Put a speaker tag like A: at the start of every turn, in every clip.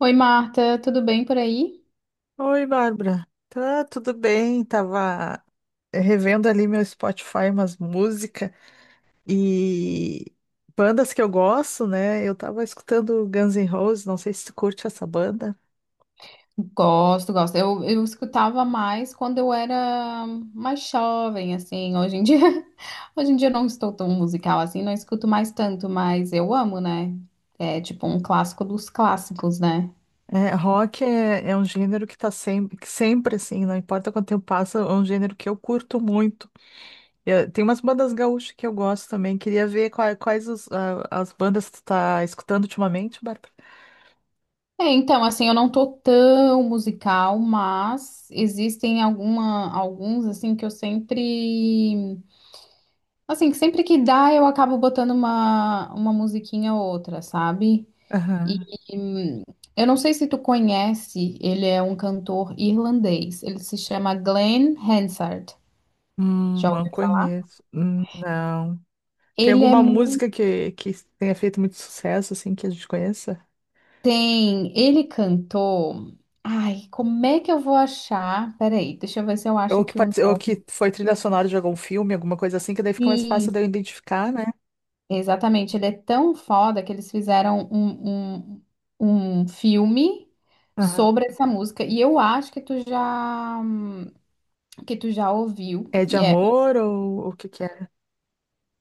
A: Oi, Marta, tudo bem por aí?
B: Oi, Bárbara. Tá tudo bem? Tava revendo ali meu Spotify, umas músicas e bandas que eu gosto, né? Eu tava escutando Guns N' Roses, não sei se tu curte essa banda.
A: Gosto, gosto. Eu escutava mais quando eu era mais jovem, assim. Hoje em dia, hoje em dia eu não estou tão musical assim, não escuto mais tanto, mas eu amo, né? É tipo um clássico dos clássicos, né?
B: É, rock é um gênero que sempre assim, não importa quanto tempo passa, é um gênero que eu curto muito. Tem umas bandas gaúchas que eu gosto também. Queria ver quais, as bandas que tu tá escutando ultimamente, Bárbara.
A: É, então, assim, eu não tô tão musical, mas existem alguns, assim, que eu sempre... Assim, que sempre que dá, eu acabo botando uma musiquinha ou outra, sabe? E
B: Aham.
A: hum, eu não sei se tu conhece, ele é um cantor irlandês. Ele se chama Glenn Hansard. Já
B: Não
A: ouviu?
B: conheço. Não. Tem
A: Ele é
B: alguma
A: mu-
B: música que tenha feito muito sucesso, assim, que a gente conheça?
A: Tem, ele cantou. Ai, como é que eu vou achar? Peraí, deixa eu ver se eu acho
B: Ou que,
A: aqui o
B: partici- ou
A: nome.
B: que foi trilha sonora de algum filme, alguma coisa assim, que daí fica mais fácil
A: Sim,
B: de eu identificar, né?
A: exatamente, ele é tão foda que eles fizeram um filme
B: Aham.
A: sobre essa música. E eu acho que tu já ouviu.
B: É de
A: E é...
B: amor ou o que que é?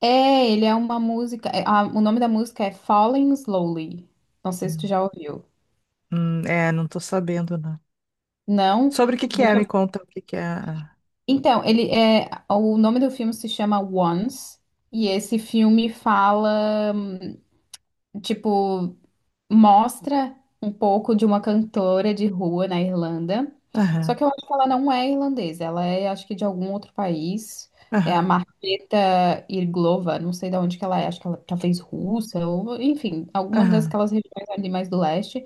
A: É, ele é uma música. É, o nome da música é Falling Slowly. Não sei se tu já ouviu.
B: É, não tô sabendo, não.
A: Não?
B: Sobre o que que é,
A: Deixa
B: me
A: eu-
B: conta o que que é.
A: Então, ele é. O nome do filme se chama Once. E esse filme fala, tipo, mostra um pouco de uma cantora de rua na Irlanda. Só
B: Aham,
A: que eu acho que ela não é irlandesa, ela é, acho que de algum outro país. É a
B: aham,
A: Marketa Irglova, não sei de onde que ela é, acho que ela talvez russa, ou enfim, alguma
B: aham,
A: daquelas regiões ali mais do leste.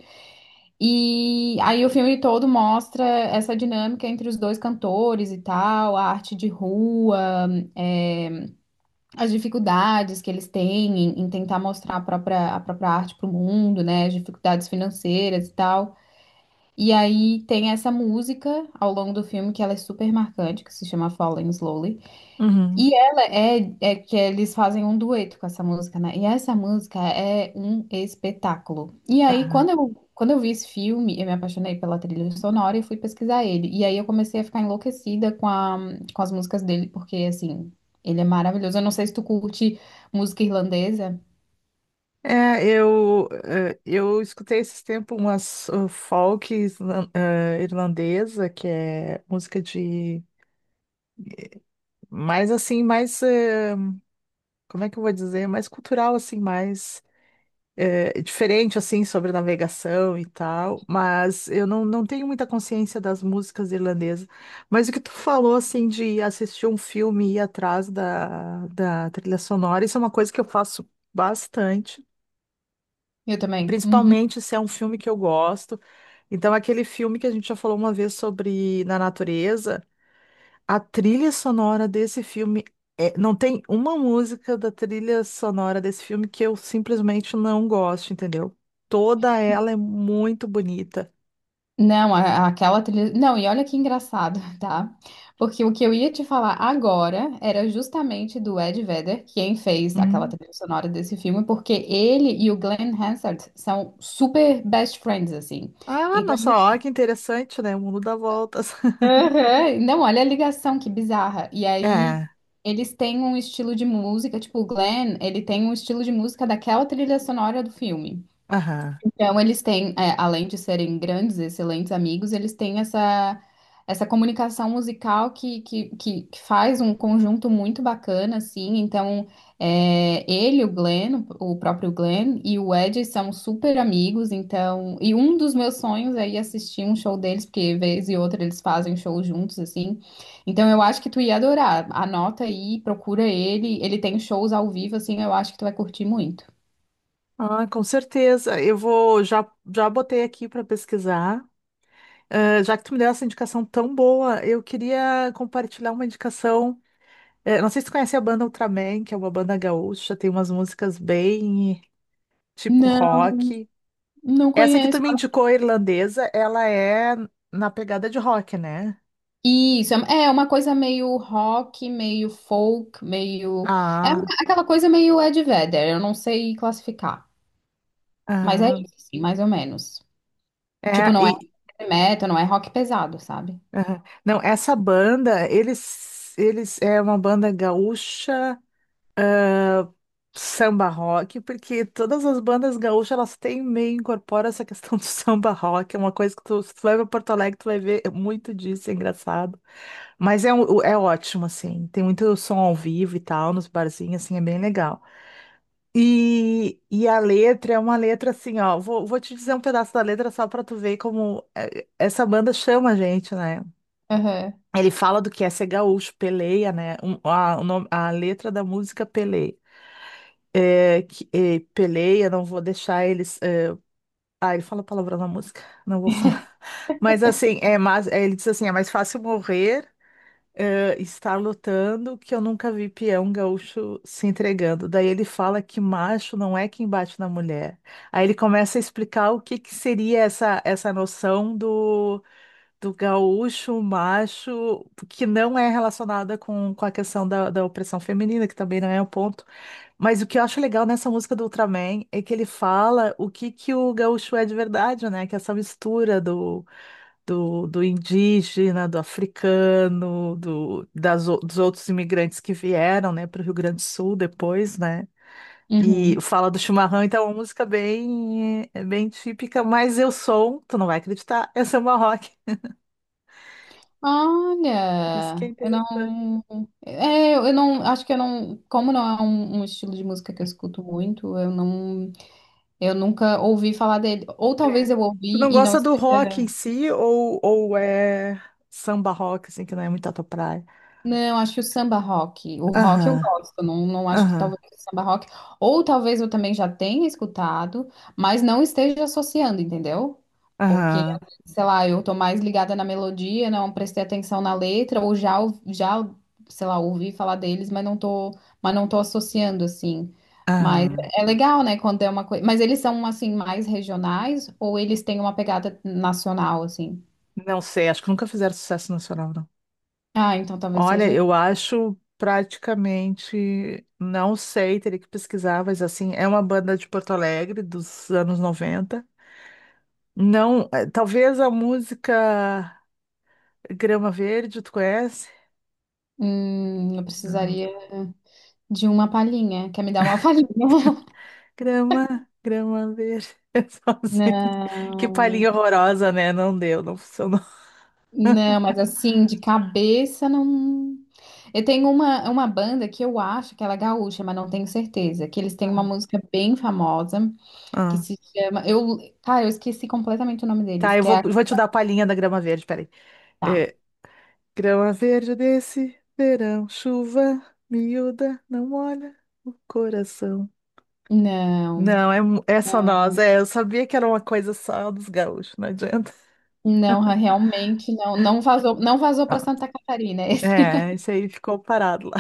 A: E aí o filme todo mostra essa dinâmica entre os dois cantores e tal, a arte de rua, é, as dificuldades que eles têm em tentar mostrar a própria arte para o mundo, né? As dificuldades financeiras e tal. E aí tem essa música ao longo do filme que ela é super marcante, que se chama Falling Slowly.
B: uhum,
A: E ela é, é que eles fazem um dueto com essa música, né? E essa música é um espetáculo. E aí, quando
B: aham.
A: eu, quando eu vi esse filme, eu me apaixonei pela trilha sonora e fui pesquisar ele. E aí eu comecei a ficar enlouquecida com com as músicas dele, porque assim, ele é maravilhoso. Eu não sei se tu curte música irlandesa.
B: É, eu escutei esses tempos umas folk irlandesa, que é música de mais assim, mais como é que eu vou dizer, é mais cultural, assim, mais diferente, assim, sobre navegação e tal, mas eu não tenho muita consciência das músicas irlandesas. Mas o que tu falou, assim, de assistir um filme e ir atrás da trilha sonora, isso é uma coisa que eu faço bastante,
A: Eu também. Uhum.
B: principalmente se é um filme que eu gosto. Então, aquele filme que a gente já falou uma vez sobre na natureza. A trilha sonora desse filme não tem uma música da trilha sonora desse filme que eu simplesmente não gosto, entendeu? Toda ela é muito bonita.
A: Não, a- aquela trilha. Não, e olha que engraçado, tá? Porque o que eu ia te falar agora era justamente do Ed Vedder, quem fez aquela
B: Hum.
A: trilha sonora desse filme, porque ele e o Glenn Hansard são super best friends, assim.
B: Ah,
A: Então,
B: nossa, ó, que interessante, né? O mundo dá voltas.
A: aham, não, olha a ligação, que bizarra. E aí,
B: É,
A: eles têm um estilo de música, tipo, o Glenn, ele tem um estilo de música daquela trilha sonora do filme.
B: aham.
A: Então, eles têm, é, além de serem grandes, excelentes amigos, eles têm essa, essa comunicação musical que faz um conjunto muito bacana, assim. Então, é, ele, o Glenn, o próprio Glenn, e o Ed são super amigos. Então, e um dos meus sonhos é ir assistir um show deles, porque vez e outra eles fazem show juntos, assim. Então, eu acho que tu ia adorar. Anota aí, procura ele. Ele tem shows ao vivo, assim, eu acho que tu vai curtir muito.
B: Ah, com certeza. Eu vou, já, botei aqui para pesquisar. Já que tu me deu essa indicação tão boa, eu queria compartilhar uma indicação. Não sei se tu conhece a banda Ultraman, que é uma banda gaúcha, tem umas músicas bem tipo
A: Não,
B: rock.
A: não
B: Essa que tu
A: conheço.
B: me indicou, a irlandesa, ela é na pegada de rock, né?
A: Isso, é uma coisa meio rock, meio folk, meio. É uma-
B: Ah,
A: aquela coisa meio Ed Vedder, eu não sei classificar. Mas é
B: ah,
A: isso, assim, mais ou menos. Tipo,
B: é,
A: não é
B: e,
A: heavy metal, não é rock pesado, sabe?
B: ah, não, essa banda, eles é uma banda gaúcha samba rock, porque todas as bandas gaúchas, elas têm meio, incorpora essa questão do samba rock, é uma coisa que tu, se tu vai pra Porto Alegre, tu vai ver muito disso, é engraçado. Mas é, é ótimo, assim, tem muito som ao vivo e tal, nos barzinhos, assim, é bem legal. E a letra é uma letra assim, ó. Vou te dizer um pedaço da letra só pra tu ver como essa banda chama a gente, né?
A: Aham.
B: Ele fala do que é ser gaúcho, peleia, né? A letra da música é peleia. É, que, peleia, não vou deixar eles. Ah, ele fala palavrão na música, não vou falar. Mas assim, é mais, é, ele diz assim: é mais fácil morrer estar lutando que eu nunca vi peão gaúcho se entregando. Daí ele fala que macho não é quem bate na mulher. Aí ele começa a explicar o que que seria essa noção do gaúcho macho, que não é relacionada com a questão da opressão feminina, que também não é um ponto. Mas o que eu acho legal nessa música do Ultraman é que ele fala o que que o gaúcho é de verdade, né? Que é essa mistura do indígena, do, africano, dos outros imigrantes que vieram, né, para o Rio Grande do Sul depois, né? E
A: Uhum.
B: fala do chimarrão, então é uma música bem, é bem típica, mas eu sou, tu não vai acreditar, eu sou uma rock. Isso que é
A: Olha, eu
B: interessante.
A: não. É, eu não. Acho que eu não. Como não é um estilo de música que eu escuto muito, eu não. Eu nunca ouvi falar dele. Ou talvez
B: É.
A: eu
B: Tu
A: ouvi
B: não
A: e não
B: gosta do rock em
A: esteja.
B: si ou é samba rock, assim, que não é muito a tua praia?
A: Não, acho que o samba rock. O rock eu
B: Aham,
A: gosto, não, não acho que
B: aham,
A: talvez o samba rock. Ou talvez eu também já tenha escutado, mas não esteja associando, entendeu? Porque,
B: aham,
A: sei lá, eu tô mais ligada na melodia, não prestei atenção na letra, ou- já, sei lá, ouvi falar deles, mas não tô associando, assim. Mas
B: aham.
A: é legal, né, quando é uma coisa. Mas eles são, assim, mais regionais, ou eles têm uma pegada nacional, assim?
B: Não sei, acho que nunca fizeram sucesso nacional, não.
A: Ah, então talvez
B: Olha,
A: seja.
B: eu acho praticamente, não sei, teria que pesquisar, mas assim, é uma banda de Porto Alegre dos anos 90. Não, talvez a música Grama Verde, tu conhece?
A: Eu
B: Não.
A: precisaria. De uma palhinha. Quer me dar uma palhinha?
B: Grama, grama verde, sozinho. Que
A: Não,
B: palhinha horrorosa, né? Não deu, não funcionou.
A: não, mas assim, de cabeça não. Eu tenho uma banda que eu acho que ela é gaúcha, mas não tenho certeza. Que eles têm uma
B: Ah.
A: música bem famosa que
B: Ah.
A: se chama. Eu, cara, eu esqueci completamente o nome deles,
B: Tá, eu
A: que é
B: vou,
A: a.
B: vou te dar a palhinha da grama verde, peraí.
A: Tá.
B: É, grama verde desse verão, chuva miúda, não molha o coração.
A: Não,
B: Não, é, é só
A: não,
B: nós. É, eu sabia que era uma coisa só dos gaúchos, não adianta.
A: não, realmente não. Não vazou, não vazou para
B: Ah,
A: Santa Catarina.
B: é, isso aí ficou parado lá.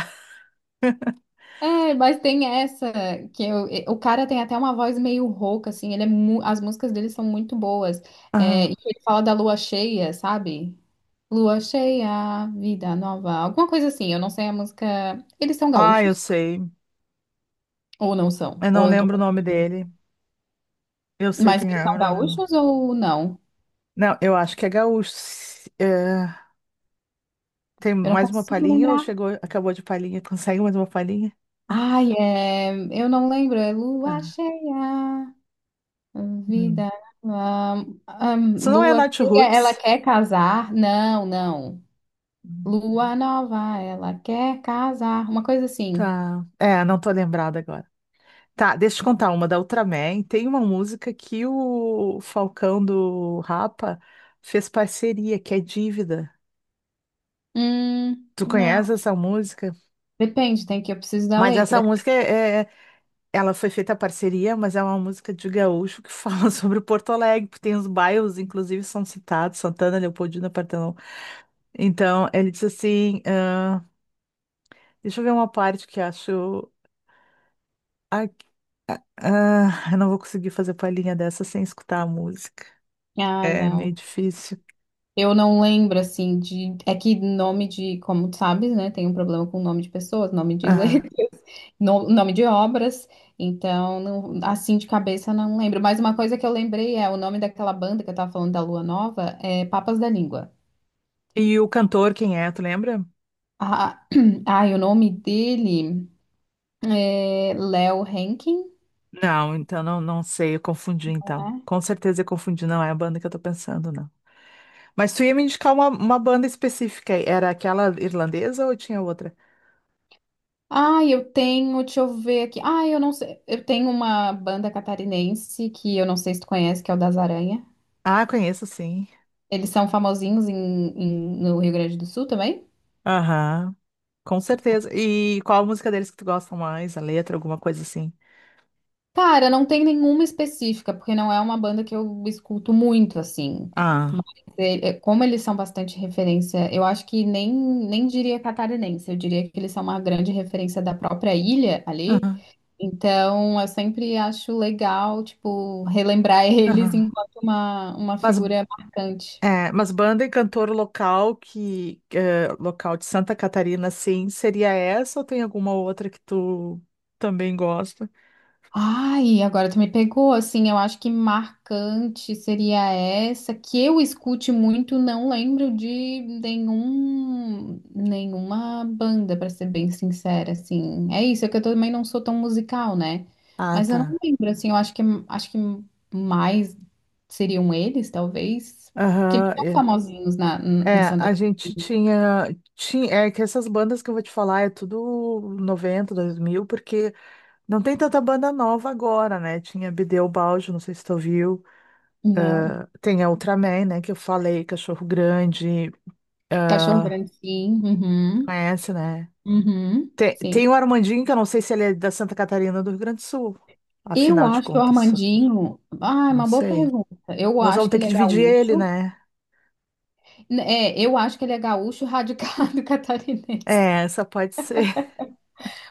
A: É, mas tem essa que eu- e- o cara tem até uma voz meio rouca, assim. Ele é mu- as músicas dele são muito boas. É, e
B: Ah,
A: ele fala da lua cheia, sabe? Lua cheia, vida nova, alguma coisa assim. Eu não sei a música. Eles são
B: ah, eu
A: gaúchos
B: sei.
A: ou não são?
B: Eu
A: Ou
B: não
A: eu tô
B: lembro o nome
A: confundindo.
B: dele. Eu sei
A: Mas
B: quem
A: eles
B: é, eu
A: são
B: não lembro.
A: gaúchos ou não?
B: Não, eu acho que é gaúcho. É, tem
A: Eu não
B: mais uma
A: consigo
B: palhinha ou
A: lembrar.
B: chegou, acabou de palhinha? Consegue mais uma palhinha?
A: Ai, é... eu não lembro. É lua
B: Tá.
A: cheia,
B: Hum.
A: vida. Nova.
B: Isso não é
A: Lua
B: Nath
A: cheia, ela
B: Roots.
A: quer casar? Não, não.
B: Hum.
A: Lua nova, ela quer casar. Uma coisa assim.
B: Tá. É, não tô lembrada agora. Tá, deixa eu te contar uma da Ultraman. Tem uma música que o Falcão do Rapa fez parceria, que é Dívida. Tu
A: Não.
B: conhece essa música?
A: Depende, tem que eu preciso da
B: Mas essa
A: letra.
B: música ela foi feita a parceria, mas é uma música de gaúcho que fala sobre Porto Alegre, porque tem os bairros, inclusive, são citados, Santana, Leopoldina, Partenon. Então, ele diz assim, ah, deixa eu ver uma parte que acho, ah, ah, eu não vou conseguir fazer palhinha dessa sem escutar a música.
A: Ah,
B: É
A: não.
B: meio difícil.
A: Eu não lembro, assim, de. É que nome de, como tu sabes, né? Tem um problema com nome de pessoas, nome de letras, no- nome de obras. Então, não- assim de cabeça, não lembro. Mas uma coisa que eu lembrei é o nome daquela banda que eu tava falando da Lua Nova é Papas da Língua.
B: E o cantor, quem é? Tu lembra?
A: Ah, ai, o nome dele é Léo Henkin.
B: Não, então não, não sei, eu confundi então. Com certeza eu confundi, não é a banda que eu tô pensando, não. Mas tu ia me indicar uma banda específica aí. Era aquela irlandesa ou tinha outra?
A: Ah, eu tenho, deixa eu ver aqui. Ah, eu não sei. Eu tenho uma banda catarinense que eu não sei se tu conhece, que é o Das Aranha.
B: Ah, conheço sim.
A: Eles são famosinhos em, em- no Rio Grande do Sul também?
B: Aham, com certeza. E qual a música deles que tu gosta mais? A letra, alguma coisa assim?
A: Cara, não tem nenhuma específica, porque não é uma banda que eu escuto muito, assim. Mas
B: Ah,
A: é, é, como eles são bastante referência, eu acho que nem diria catarinense, eu diria que eles são uma grande referência da própria ilha ali.
B: aham,
A: Então, eu sempre acho legal, tipo, relembrar eles
B: aham.
A: enquanto uma
B: Mas,
A: figura marcante.
B: é, mas banda e cantor local que, é, local de Santa Catarina, sim, seria essa ou tem alguma outra que tu também gosta?
A: Ai, agora tu me pegou, assim, eu acho que marcante seria essa, que eu escute muito, não lembro de nenhum, nenhuma banda, pra ser bem sincera, assim. É isso, é que eu também não sou tão musical, né?
B: Ah,
A: Mas eu
B: tá.
A: não lembro, assim, eu acho que mais seriam eles, talvez, porque eles
B: Aham,
A: são
B: é.
A: famosinhos na, em
B: É,
A: Santa
B: a
A: Cruz.
B: gente tinha. É que essas bandas que eu vou te falar é tudo 90, 2000, porque não tem tanta banda nova agora, né? Tinha Bedeaubaldi, não sei se tu viu.
A: Não.
B: Tem a Ultraman, né? Que eu falei, Cachorro Grande.
A: Cachorro
B: Ah,
A: Grande, sim. Uhum.
B: conhece, né?
A: Uhum.
B: Tem,
A: Sim.
B: tem o Armandinho, que eu não sei se ele é da Santa Catarina ou do Rio Grande do Sul,
A: Eu
B: afinal de
A: acho que o
B: contas.
A: Armandinho. Ah, é
B: Não
A: uma boa
B: sei.
A: pergunta. Eu
B: Nós vamos
A: acho que
B: ter
A: ele
B: que
A: é
B: dividir ele,
A: gaúcho.
B: né?
A: É, eu acho que ele é gaúcho radicado catarinense.
B: É, essa pode ser.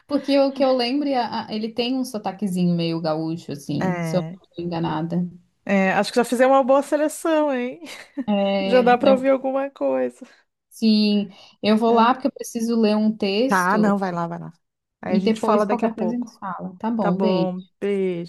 A: Porque o que eu lembro, a- ele tem um sotaquezinho meio gaúcho, assim, se eu
B: É.
A: não estou enganada.
B: É, acho que já fizemos uma boa seleção, hein? Já
A: É,
B: dá para
A: eu,
B: ouvir alguma coisa.
A: sim, eu vou
B: Né?
A: lá porque eu preciso ler um
B: Tá,
A: texto
B: não, vai lá, vai lá. Aí a
A: e
B: gente
A: depois
B: fala daqui a
A: qualquer coisa a
B: pouco.
A: gente fala. Tá
B: Tá
A: bom, beijo.
B: bom, beijo.